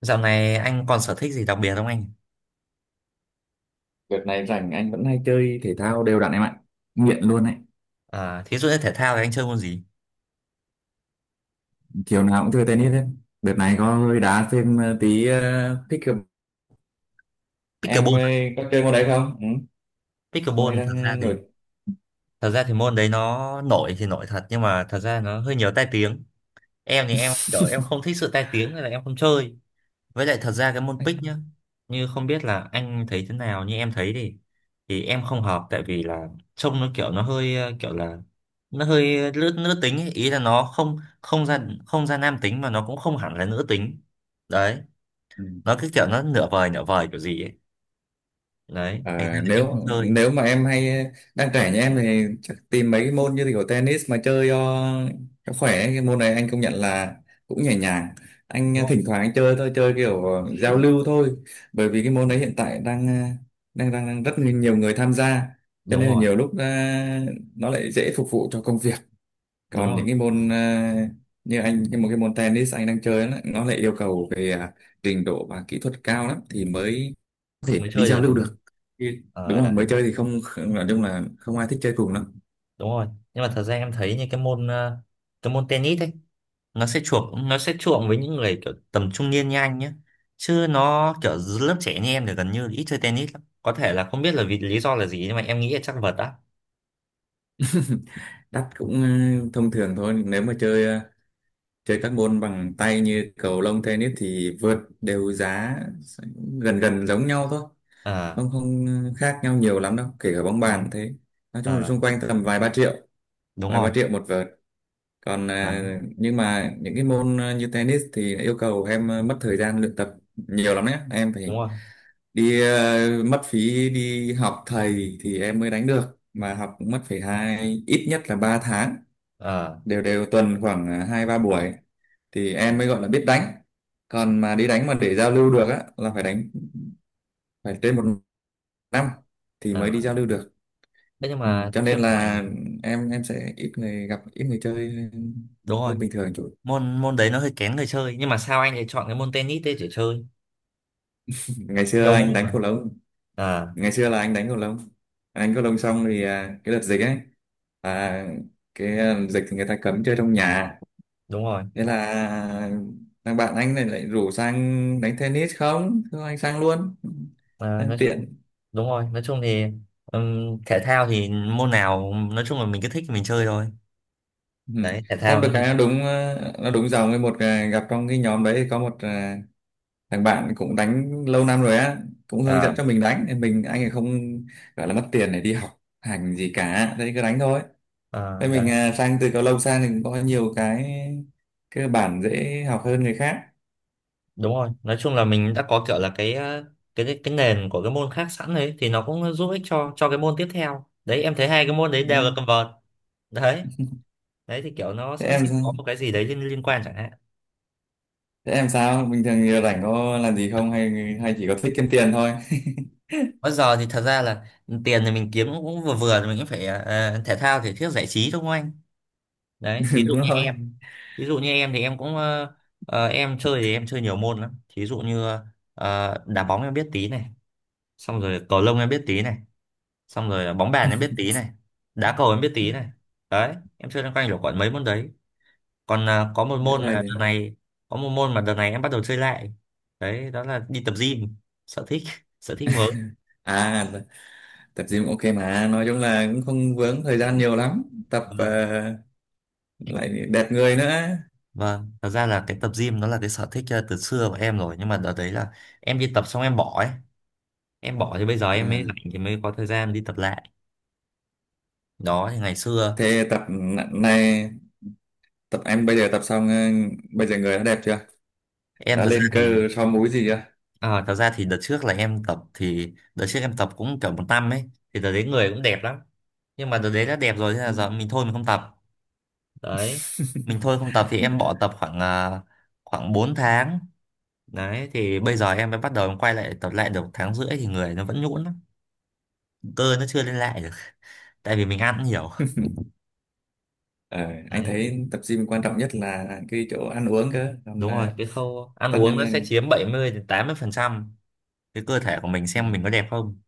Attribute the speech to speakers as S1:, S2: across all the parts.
S1: Dạo này anh còn sở thích gì đặc biệt không anh?
S2: Đợt này rảnh anh vẫn hay chơi thể thao đều đặn em ạ. Nghiện luôn ấy.
S1: À, thí dụ như thể thao thì anh chơi môn gì?
S2: Chiều nào cũng chơi tennis hết. Đợt này có hơi đá thêm tí thích hợp. Em
S1: Pickleball.
S2: có chơi môn đấy không? Ừ. Môn đấy
S1: Pickleball thật
S2: đang
S1: ra thì
S2: nổi.
S1: thật ra thì môn đấy nó nổi thì nổi thật nhưng mà thật ra nó hơi nhiều tai tiếng. Em thì em kiểu em không thích sự tai tiếng nên là em không chơi. Với lại thật ra cái môn pick
S2: Anh-
S1: nhá, như không biết là anh thấy thế nào như em thấy thì em không hợp tại vì là trông nó kiểu nó hơi kiểu là nó hơi nữ nữ tính ấy. Ý là nó không không ra không ra nam tính mà nó cũng không hẳn là nữ tính. Đấy,
S2: Ừ.
S1: nó cứ kiểu nó nửa vời kiểu gì ấy, đấy thành ra
S2: Ờ,
S1: là em
S2: nếu
S1: không chơi,
S2: nếu mà em hay đang trẻ như em thì chắc tìm mấy cái môn như kiểu tennis mà chơi cho khỏe ấy. Cái môn này anh công nhận là cũng nhẹ nhàng, anh
S1: đúng không?
S2: thỉnh thoảng anh chơi thôi, chơi kiểu giao lưu thôi, bởi vì cái môn đấy hiện tại đang đang rất nhiều người tham gia, cho
S1: Đúng
S2: nên là
S1: rồi.
S2: nhiều lúc nó lại dễ phục vụ cho công việc.
S1: Đúng
S2: Còn những
S1: rồi
S2: cái môn như anh, cái một cái môn tennis anh đang chơi, nó lại yêu cầu về trình độ và kỹ thuật cao lắm thì mới có thể
S1: mới
S2: đi
S1: chơi
S2: giao
S1: được,
S2: lưu
S1: đúng.
S2: được, thì- đúng
S1: Ờ
S2: rồi,
S1: đấy.
S2: mới chơi thì không không- nói chung là không ai thích chơi cùng lắm.
S1: Đúng rồi, nhưng mà thật ra em thấy như cái môn cái môn tennis ấy nó sẽ chuộng, với những người kiểu tầm trung niên như anh nhé, chứ nó kiểu dưới lớp trẻ như em thì gần như ít chơi tennis lắm, có thể là không biết là vì lý do là gì nhưng mà em nghĩ là chắc vật á.
S2: Đắt cũng ừ, thông thường thôi, nếu mà chơi chơi các môn bằng tay như cầu lông, tennis thì vợt đều giá gần gần giống nhau thôi,
S1: À
S2: không không khác nhau nhiều lắm đâu, kể cả bóng
S1: đấy.
S2: bàn thế. Nói chung là
S1: À
S2: xung quanh tầm vài ba triệu,
S1: đúng
S2: vài
S1: rồi.
S2: ba triệu một vợt. Còn
S1: Đấy.
S2: nhưng mà những cái môn như tennis thì yêu cầu em mất thời gian luyện tập nhiều lắm đấy, em phải
S1: Đúng rồi.
S2: đi mất phí đi học thầy thì em mới đánh được, mà học cũng mất phải hai, ít nhất là 3 tháng,
S1: À.
S2: đều đều tuần khoảng hai ba buổi thì em mới gọi là biết đánh. Còn mà đi đánh mà để giao lưu được á là phải đánh, phải trên một năm thì mới đi
S1: À.
S2: giao lưu được.
S1: Thế nhưng
S2: Ừ,
S1: mà
S2: cho
S1: cho
S2: nên
S1: em hỏi
S2: là
S1: là,
S2: em sẽ ít người gặp, ít người chơi
S1: đúng rồi,
S2: hơn bình thường.
S1: môn môn đấy nó hơi kén người chơi nhưng mà sao anh lại chọn cái môn tennis đấy để chơi,
S2: Ngày xưa
S1: nhiều môn
S2: anh đánh
S1: mà.
S2: cầu lông,
S1: À.
S2: ngày xưa là anh đánh cầu lông anh đánh cầu lông xong thì cái đợt dịch ấy, à, dịch thì người ta cấm chơi trong nhà,
S1: Đúng rồi.
S2: thế là à, thằng bạn anh này lại rủ sang đánh tennis, không thôi anh sang luôn,
S1: À,
S2: đang
S1: nói chung
S2: tiện.
S1: đúng rồi, nói chung thì thể thao thì môn nào nói chung là mình cứ thích thì mình chơi thôi,
S2: Ừ,
S1: đấy, thể thao
S2: không được
S1: đúng
S2: cái
S1: không?
S2: nó đúng nó đúng dòng với một gặp trong cái nhóm đấy có một thằng bạn cũng đánh lâu năm rồi á, cũng hướng dẫn
S1: À.
S2: cho mình đánh, thì mình anh ấy không gọi là mất tiền để đi học hành gì cả, thế cứ đánh thôi.
S1: À
S2: Thế mình
S1: đấy.
S2: sang từ cầu lông sang thì cũng có nhiều cái cơ bản dễ học hơn người khác,
S1: Đúng rồi nói chung là mình đã có kiểu là cái cái nền của cái môn khác sẵn đấy thì nó cũng giúp ích cho cái môn tiếp theo. Đấy em thấy hai cái môn đấy
S2: đúng
S1: đều là
S2: không?
S1: cầm vợt. Đấy. Đấy thì kiểu nó
S2: Thế
S1: sẽ
S2: em
S1: có
S2: sao?
S1: một cái gì đấy liên liên quan chẳng hạn.
S2: Bình thường giờ rảnh có làm gì không, hay hay chỉ có thích kiếm tiền thôi?
S1: Bây giờ thì thật ra là tiền thì mình kiếm cũng cũng vừa vừa thì mình cũng phải thể thao thể thiết giải trí đúng không anh? Đấy, thí dụ
S2: Đúng
S1: như
S2: rồi.
S1: em, thí dụ như em thì em cũng em chơi thì em chơi nhiều môn lắm. Thí dụ như đá bóng em biết tí này, xong rồi cầu lông em biết tí này, xong rồi bóng bàn em biết tí này, đá cầu em biết tí này. Đấy, em chơi loanh quanh được khoảng mấy môn đấy. Còn
S2: Đấy là
S1: có một môn mà đợt này em bắt đầu chơi lại. Đấy, đó là đi tập gym, sở thích, sở thích mới.
S2: à, tập gym ok, mà nói chung là cũng không vướng thời gian nhiều lắm, tập
S1: Vâng.
S2: lại đẹp người nữa.
S1: Vâng, thật ra là cái tập gym nó là cái sở thích từ xưa của em rồi, nhưng mà đợt đấy là em đi tập xong em bỏ ấy. Em bỏ thì bây giờ
S2: à,
S1: em mới rảnh thì mới có thời gian đi tập lại. Đó thì ngày xưa
S2: thế này, tập em bây giờ tập xong bây giờ người đã đẹp chưa,
S1: em
S2: đã
S1: thật ra
S2: lên
S1: thì,
S2: cơ, so múi gì chưa?
S1: thật ra thì đợt trước là em tập, cũng kiểu 1 năm ấy thì đợt đấy người cũng đẹp lắm. Nhưng mà đợt đấy đã đẹp rồi thế là giờ mình thôi mình không tập. Đấy. Mình thôi không tập thì em bỏ tập khoảng khoảng 4 tháng. Đấy thì bây giờ em mới bắt đầu em quay lại tập lại được 1 tháng rưỡi thì người nó vẫn nhũn lắm. Cơ nó chưa lên lại được tại vì mình ăn nhiều.
S2: Ừ. Ờ, anh
S1: Đấy,
S2: thấy tập gym quan trọng nhất là cái chỗ ăn uống cơ, còn
S1: đúng rồi,
S2: là
S1: cái khâu ăn
S2: tất
S1: uống
S2: nhiên
S1: nó
S2: là-
S1: sẽ chiếm 70 đến 80% cái cơ thể của mình xem mình
S2: ừ,
S1: có đẹp không.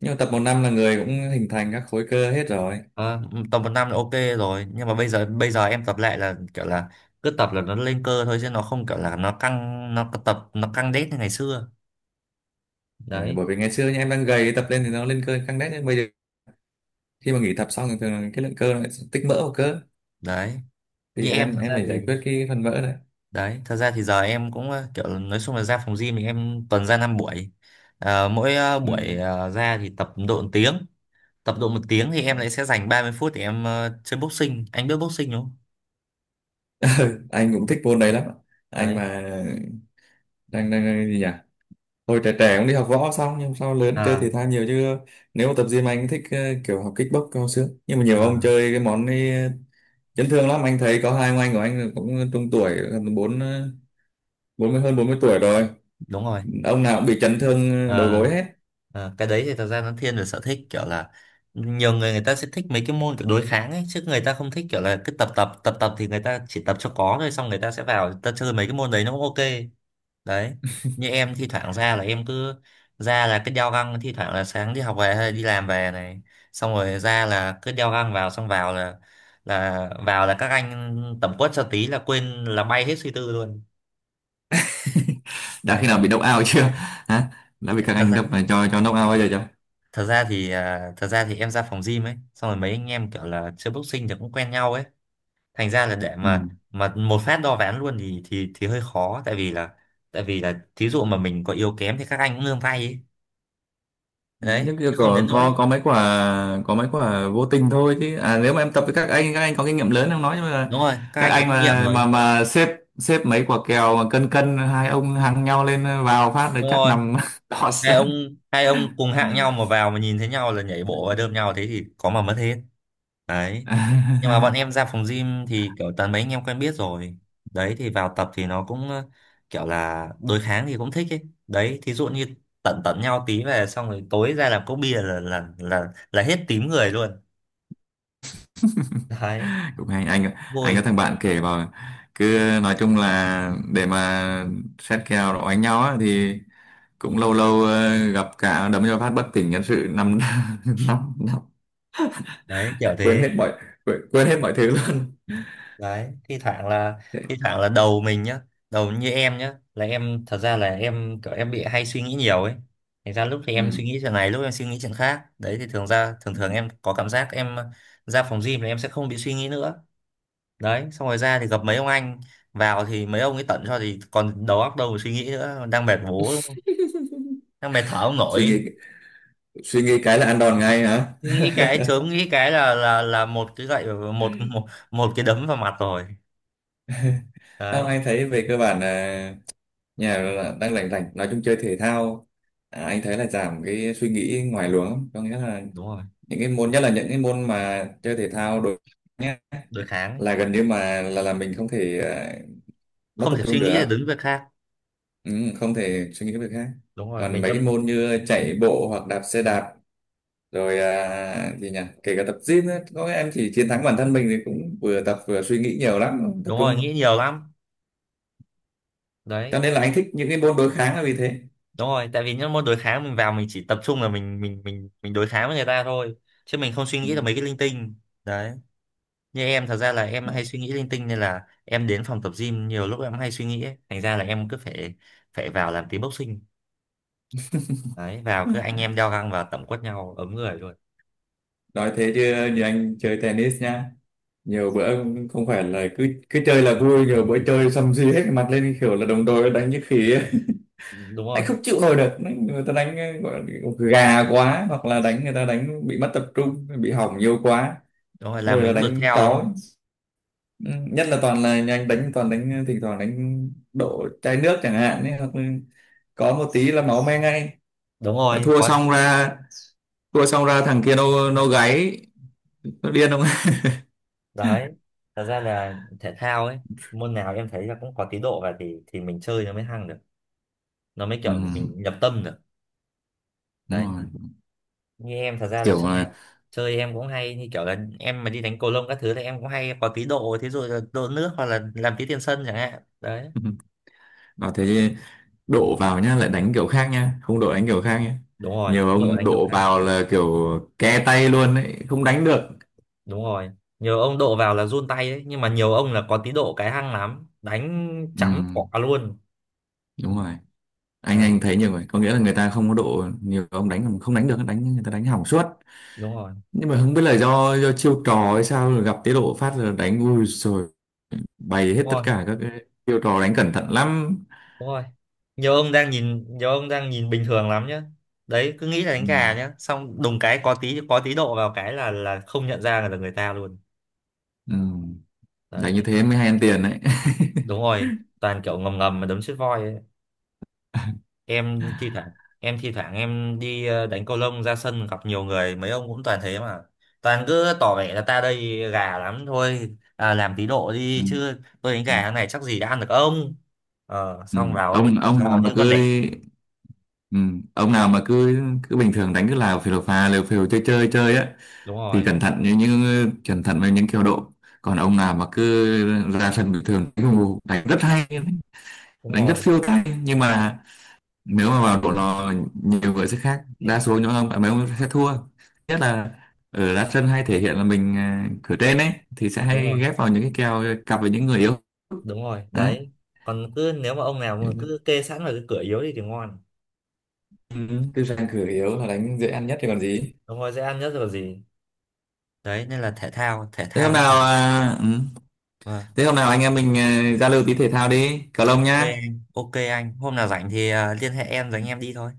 S2: nhưng mà tập một năm là người cũng hình thành các khối cơ hết rồi.
S1: Ờ, tầm 1 năm là ok rồi, nhưng mà bây giờ em tập lại là kiểu là cứ tập là nó lên cơ thôi chứ nó không kiểu là nó căng, nó căng đét như ngày xưa.
S2: Ờ,
S1: Đấy.
S2: bởi vì ngày xưa nha, em đang gầy tập lên thì nó lên cơ căng đét, nhưng bây giờ khi mà nghỉ tập xong thì thường là cái lượng cơ nó lại tích mỡ vào cơ,
S1: Đấy.
S2: thì
S1: Như em
S2: em
S1: thật
S2: em
S1: ra
S2: phải
S1: thì,
S2: giải quyết cái phần mỡ này.
S1: đấy, thật ra thì giờ em cũng kiểu là nói chung là ra phòng gym thì em tuần ra 5 buổi. Ờ, mỗi buổi
S2: Ừ.
S1: ra thì tập độ 1 tiếng. Tập độ một tiếng thì em lại sẽ dành 30 phút để em chơi boxing. Anh biết boxing đúng không?
S2: Anh cũng thích môn đấy lắm, anh
S1: Đấy.
S2: mà đang đang gì nhỉ, hồi trẻ trẻ cũng đi học võ xong nhưng sau lớn chơi
S1: À.
S2: thể thao nhiều chứ. Nếu mà tập gym anh thích kiểu học kickbox cao xương, nhưng mà nhiều
S1: À,
S2: ông chơi cái món ấy chấn thương lắm, anh thấy có hai ông anh của anh cũng trung tuổi, gần bốn 40, hơn 40 tuổi rồi,
S1: đúng rồi.
S2: ông nào cũng bị chấn thương đầu
S1: À.
S2: gối hết.
S1: À, cái đấy thì thật ra nó thiên về sở thích kiểu là nhiều người, người ta sẽ thích mấy cái môn kiểu đối kháng ấy, chứ người ta không thích kiểu là cứ tập tập tập tập thì người ta chỉ tập cho có thôi, xong người ta sẽ vào người ta chơi mấy cái môn đấy nó cũng ok. Đấy như em thi thoảng ra là em cứ ra là cứ đeo găng, thi thoảng là sáng đi học về hay đi làm về này, xong rồi ra là cứ đeo găng vào, xong vào là, các anh tẩm quất cho tí là quên, là bay hết suy tư luôn,
S2: Đã khi
S1: đấy,
S2: nào bị knock out chưa, hả? Đã bị các
S1: thật
S2: anh
S1: ra,
S2: đập cho knock out bao giờ chưa?
S1: thật ra thì thật ra thì em ra phòng gym ấy xong rồi mấy anh em kiểu là chơi boxing thì cũng quen nhau ấy, thành ra là để
S2: Ừ,
S1: mà một phát đo ván luôn thì thì hơi khó tại vì là, thí dụ mà mình có yếu kém thì các anh cũng nương tay ấy, đấy
S2: nhưng kia
S1: chứ không
S2: có
S1: đến nỗi.
S2: có có mấy quả, có mấy quả vô tình thôi, chứ à, nếu mà em tập với các anh, các anh có kinh nghiệm lớn em nói, nhưng mà
S1: Đúng rồi, các
S2: các
S1: anh có
S2: anh
S1: kinh nghiệm
S2: mà
S1: rồi.
S2: mà mà xếp, xếp mấy quả kèo mà cân cân hai ông hàng nhau lên, vào phát là
S1: Đúng
S2: chắc
S1: rồi,
S2: nằm đỏ
S1: hai
S2: sang.
S1: ông, hai ông cùng hạng nhau mà vào mà nhìn thấy nhau là nhảy bộ và đơm nhau thế thì có mà mất hết. Đấy nhưng mà bọn em ra phòng gym thì kiểu toàn mấy anh em quen biết rồi, đấy thì vào tập thì nó cũng kiểu là đối kháng thì cũng thích ấy. Đấy thí dụ như tận tận nhau tí về xong rồi tối ra làm cốc bia là hết tím người luôn. Đấy,
S2: Cũng hay, anh
S1: vui.
S2: có thằng bạn kể vào, cứ nói chung là để mà xét kèo đó đánh nhau á, thì cũng lâu lâu gặp cả đấm cho phát bất tỉnh nhân sự năm, năm năm,
S1: Đấy kiểu
S2: quên
S1: thế.
S2: hết mọi, quên hết mọi thứ luôn.
S1: Đấy thi thoảng là,
S2: Thế-
S1: thi thoảng là đầu mình nhá, đầu như em nhá, là em thật ra là em kiểu em bị hay suy nghĩ nhiều ấy, thành ra lúc thì em
S2: Ừ.
S1: suy nghĩ chuyện này, lúc em suy nghĩ chuyện khác. Đấy thì thường ra, thường
S2: Ừ.
S1: thường em có cảm giác em ra phòng gym là em sẽ không bị suy nghĩ nữa. Đấy xong rồi ra thì gặp mấy ông anh, vào thì mấy ông ấy tận cho thì còn đầu óc đâu mà suy nghĩ nữa, đang mệt bố đúng không? Đang mệt thở không
S2: Suy
S1: nổi.
S2: nghĩ, suy nghĩ cái là ăn đòn ngay hả?
S1: Suy nghĩ cái, chớm nghĩ cái là một cái gậy, một một một cái đấm vào mặt rồi.
S2: Không,
S1: Đấy.
S2: anh thấy về cơ bản là nhà là đang lành lành, nói chung chơi thể thao, anh thấy là giảm cái suy nghĩ ngoài luồng lắm. Có nghĩa là
S1: Đúng rồi.
S2: những cái môn, nhất là những cái môn mà chơi thể thao đối, nhé,
S1: Đối kháng.
S2: là gần như mà là mình không thể mất
S1: Không
S2: tập
S1: thể
S2: trung
S1: suy nghĩ
S2: được.
S1: để đứng việc khác.
S2: Ừ, không thể suy nghĩ việc khác.
S1: Đúng rồi
S2: Còn
S1: mình
S2: mấy cái
S1: lâm.
S2: môn như chạy bộ hoặc đạp xe đạp rồi gì nhỉ, kể cả tập gym ấy, có em chỉ chiến thắng bản thân mình thì cũng vừa tập vừa suy nghĩ nhiều lắm, tập
S1: Đúng rồi
S2: trung.
S1: nghĩ nhiều lắm. Đấy.
S2: Cho nên là anh thích những cái môn đối kháng là vì thế.
S1: Đúng rồi tại vì những môn đối kháng mình vào mình chỉ tập trung là mình đối kháng với người ta thôi, chứ mình không suy
S2: Ừ.
S1: nghĩ là mấy cái linh tinh. Đấy, như em thật ra là em
S2: Đó.
S1: hay suy nghĩ linh tinh nên là em đến phòng tập gym nhiều lúc em hay suy nghĩ ấy, thành ra là em cứ phải phải vào làm tí boxing. Đấy vào cứ anh em đeo găng vào tẩm quất nhau ấm người luôn.
S2: Nói thế chứ, như anh chơi tennis nha, nhiều bữa không phải là cứ cứ chơi là vui, nhiều bữa chơi xăm xì hết cái mặt lên, kiểu là đồng đội đánh như khỉ ấy.
S1: Đúng
S2: Anh
S1: rồi.
S2: không chịu nổi được người ta đánh gọi là gà quá, hoặc là đánh, người ta đánh bị mất tập trung bị hỏng nhiều quá,
S1: Đúng rồi
S2: ôi
S1: làm
S2: là
S1: mình bực
S2: đánh
S1: theo đúng
S2: cáu ấy.
S1: không.
S2: Ừ, nhất là toàn là nhà anh đánh, toàn đánh thỉnh thoảng đánh đổ chai nước chẳng hạn ấy, hoặc là có một tí là máu me ngay.
S1: Đúng
S2: Nó
S1: rồi
S2: thua
S1: có.
S2: xong ra, thằng kia nó gáy nó điên không?
S1: Đấy thật ra là thể thao ấy, môn nào em thấy là cũng có tí độ và thì mình chơi nó mới hăng được, nó mới kiểu
S2: Ừ,
S1: mình nhập tâm được.
S2: đúng
S1: Đấy
S2: rồi,
S1: như em thật ra là
S2: kiểu
S1: chơi,
S2: là
S1: em cũng hay như kiểu là em mà đi đánh cầu lông các thứ thì em cũng hay có tí độ, thí dụ là độ nước hoặc là làm tí tiền sân chẳng hạn. Đấy
S2: nó thế, đổ vào nhá lại đánh kiểu khác nhá, không đổ đánh kiểu khác nhá.
S1: đúng rồi
S2: Nhiều
S1: độ
S2: ông
S1: đánh kiểu
S2: đổ
S1: khác.
S2: vào là kiểu ke tay luôn ấy, không đánh được.
S1: Đúng rồi nhiều ông độ vào là run tay ấy, nhưng mà nhiều ông là có tí độ cái hăng lắm đánh
S2: Ừ,
S1: chấm quả luôn.
S2: đúng rồi, anh
S1: Đấy.
S2: anh thấy nhiều người có nghĩa là người ta không có độ nhiều ông đánh mà không đánh được, đánh người ta đánh hỏng suốt,
S1: Đúng rồi.
S2: nhưng mà không biết là do chiêu trò hay sao, rồi gặp tiết độ phát rồi đánh ui rồi, bày hết
S1: Đúng
S2: tất
S1: rồi.
S2: cả các cái chiêu trò, đánh cẩn thận lắm.
S1: Đúng rồi. Nhiều ông đang nhìn, nhiều ông đang nhìn bình thường lắm nhá. Đấy cứ nghĩ là
S2: Ừ,
S1: đánh gà nhá, xong đùng cái có tí, có tí độ vào cái là không nhận ra là người ta luôn.
S2: ừ.
S1: Đấy
S2: Đánh như
S1: nói
S2: thế
S1: chung-,
S2: mới hay ăn tiền đấy.
S1: đúng rồi, toàn kiểu ngầm ngầm mà đấm chết voi ấy. Em thi thoảng em thi thoảng em đi đánh cầu lông ra sân gặp nhiều người mấy ông cũng toàn thế mà. Toàn cứ tỏ vẻ là ta đây gà lắm thôi, à, làm tí độ
S2: Ừ,
S1: đi chứ tôi đánh
S2: ừ,
S1: gà thế này chắc gì đã ăn được ông. Ờ,
S2: ừ.
S1: xong vào ông ấy
S2: ông
S1: tận
S2: ông nào
S1: do
S2: mà
S1: như con
S2: cứ
S1: đẻ.
S2: đi, ừ, ông nào mà cứ cứ bình thường đánh cứ là phều phà liều phều chơi chơi chơi á,
S1: Đúng
S2: thì
S1: rồi,
S2: cẩn thận như những, cẩn thận với những kiểu độ. Còn ông nào mà cứ ra sân bình thường đánh, đánh rất hay,
S1: đúng
S2: đánh rất
S1: rồi.
S2: phiêu tay, nhưng mà nếu mà vào độ lò nhiều người sẽ khác, đa số những ông bạn mấy ông sẽ thua. Nhất là ở đá chân hay thể hiện là mình cửa trên ấy, thì sẽ
S1: Đúng
S2: hay
S1: rồi.
S2: ghép vào những cái kèo cặp với những người yếu.
S1: Đúng rồi
S2: Đấy.
S1: đấy. Còn cứ nếu mà ông nào
S2: Thế
S1: mà
S2: là-
S1: cứ kê sẵn vào cái cửa yếu đi thì ngon,
S2: Ừ, tư sang cửa yếu là đánh dễ ăn nhất thì còn gì.
S1: ông ấy dễ ăn nhất rồi gì. Đấy nên là thể
S2: Thế hôm
S1: thao nó
S2: nào
S1: cần.
S2: ừ,
S1: Vâng.
S2: thế hôm nào anh em mình giao lưu tí thể thao đi, cầu lông
S1: Ok
S2: nhá.
S1: anh, ok anh hôm nào rảnh thì liên hệ em rồi anh em đi thôi.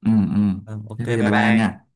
S2: Ừ, ừ,
S1: Vâng, ok
S2: thế bây
S1: bye
S2: giờ
S1: bye
S2: bye bye em
S1: anh.
S2: nha.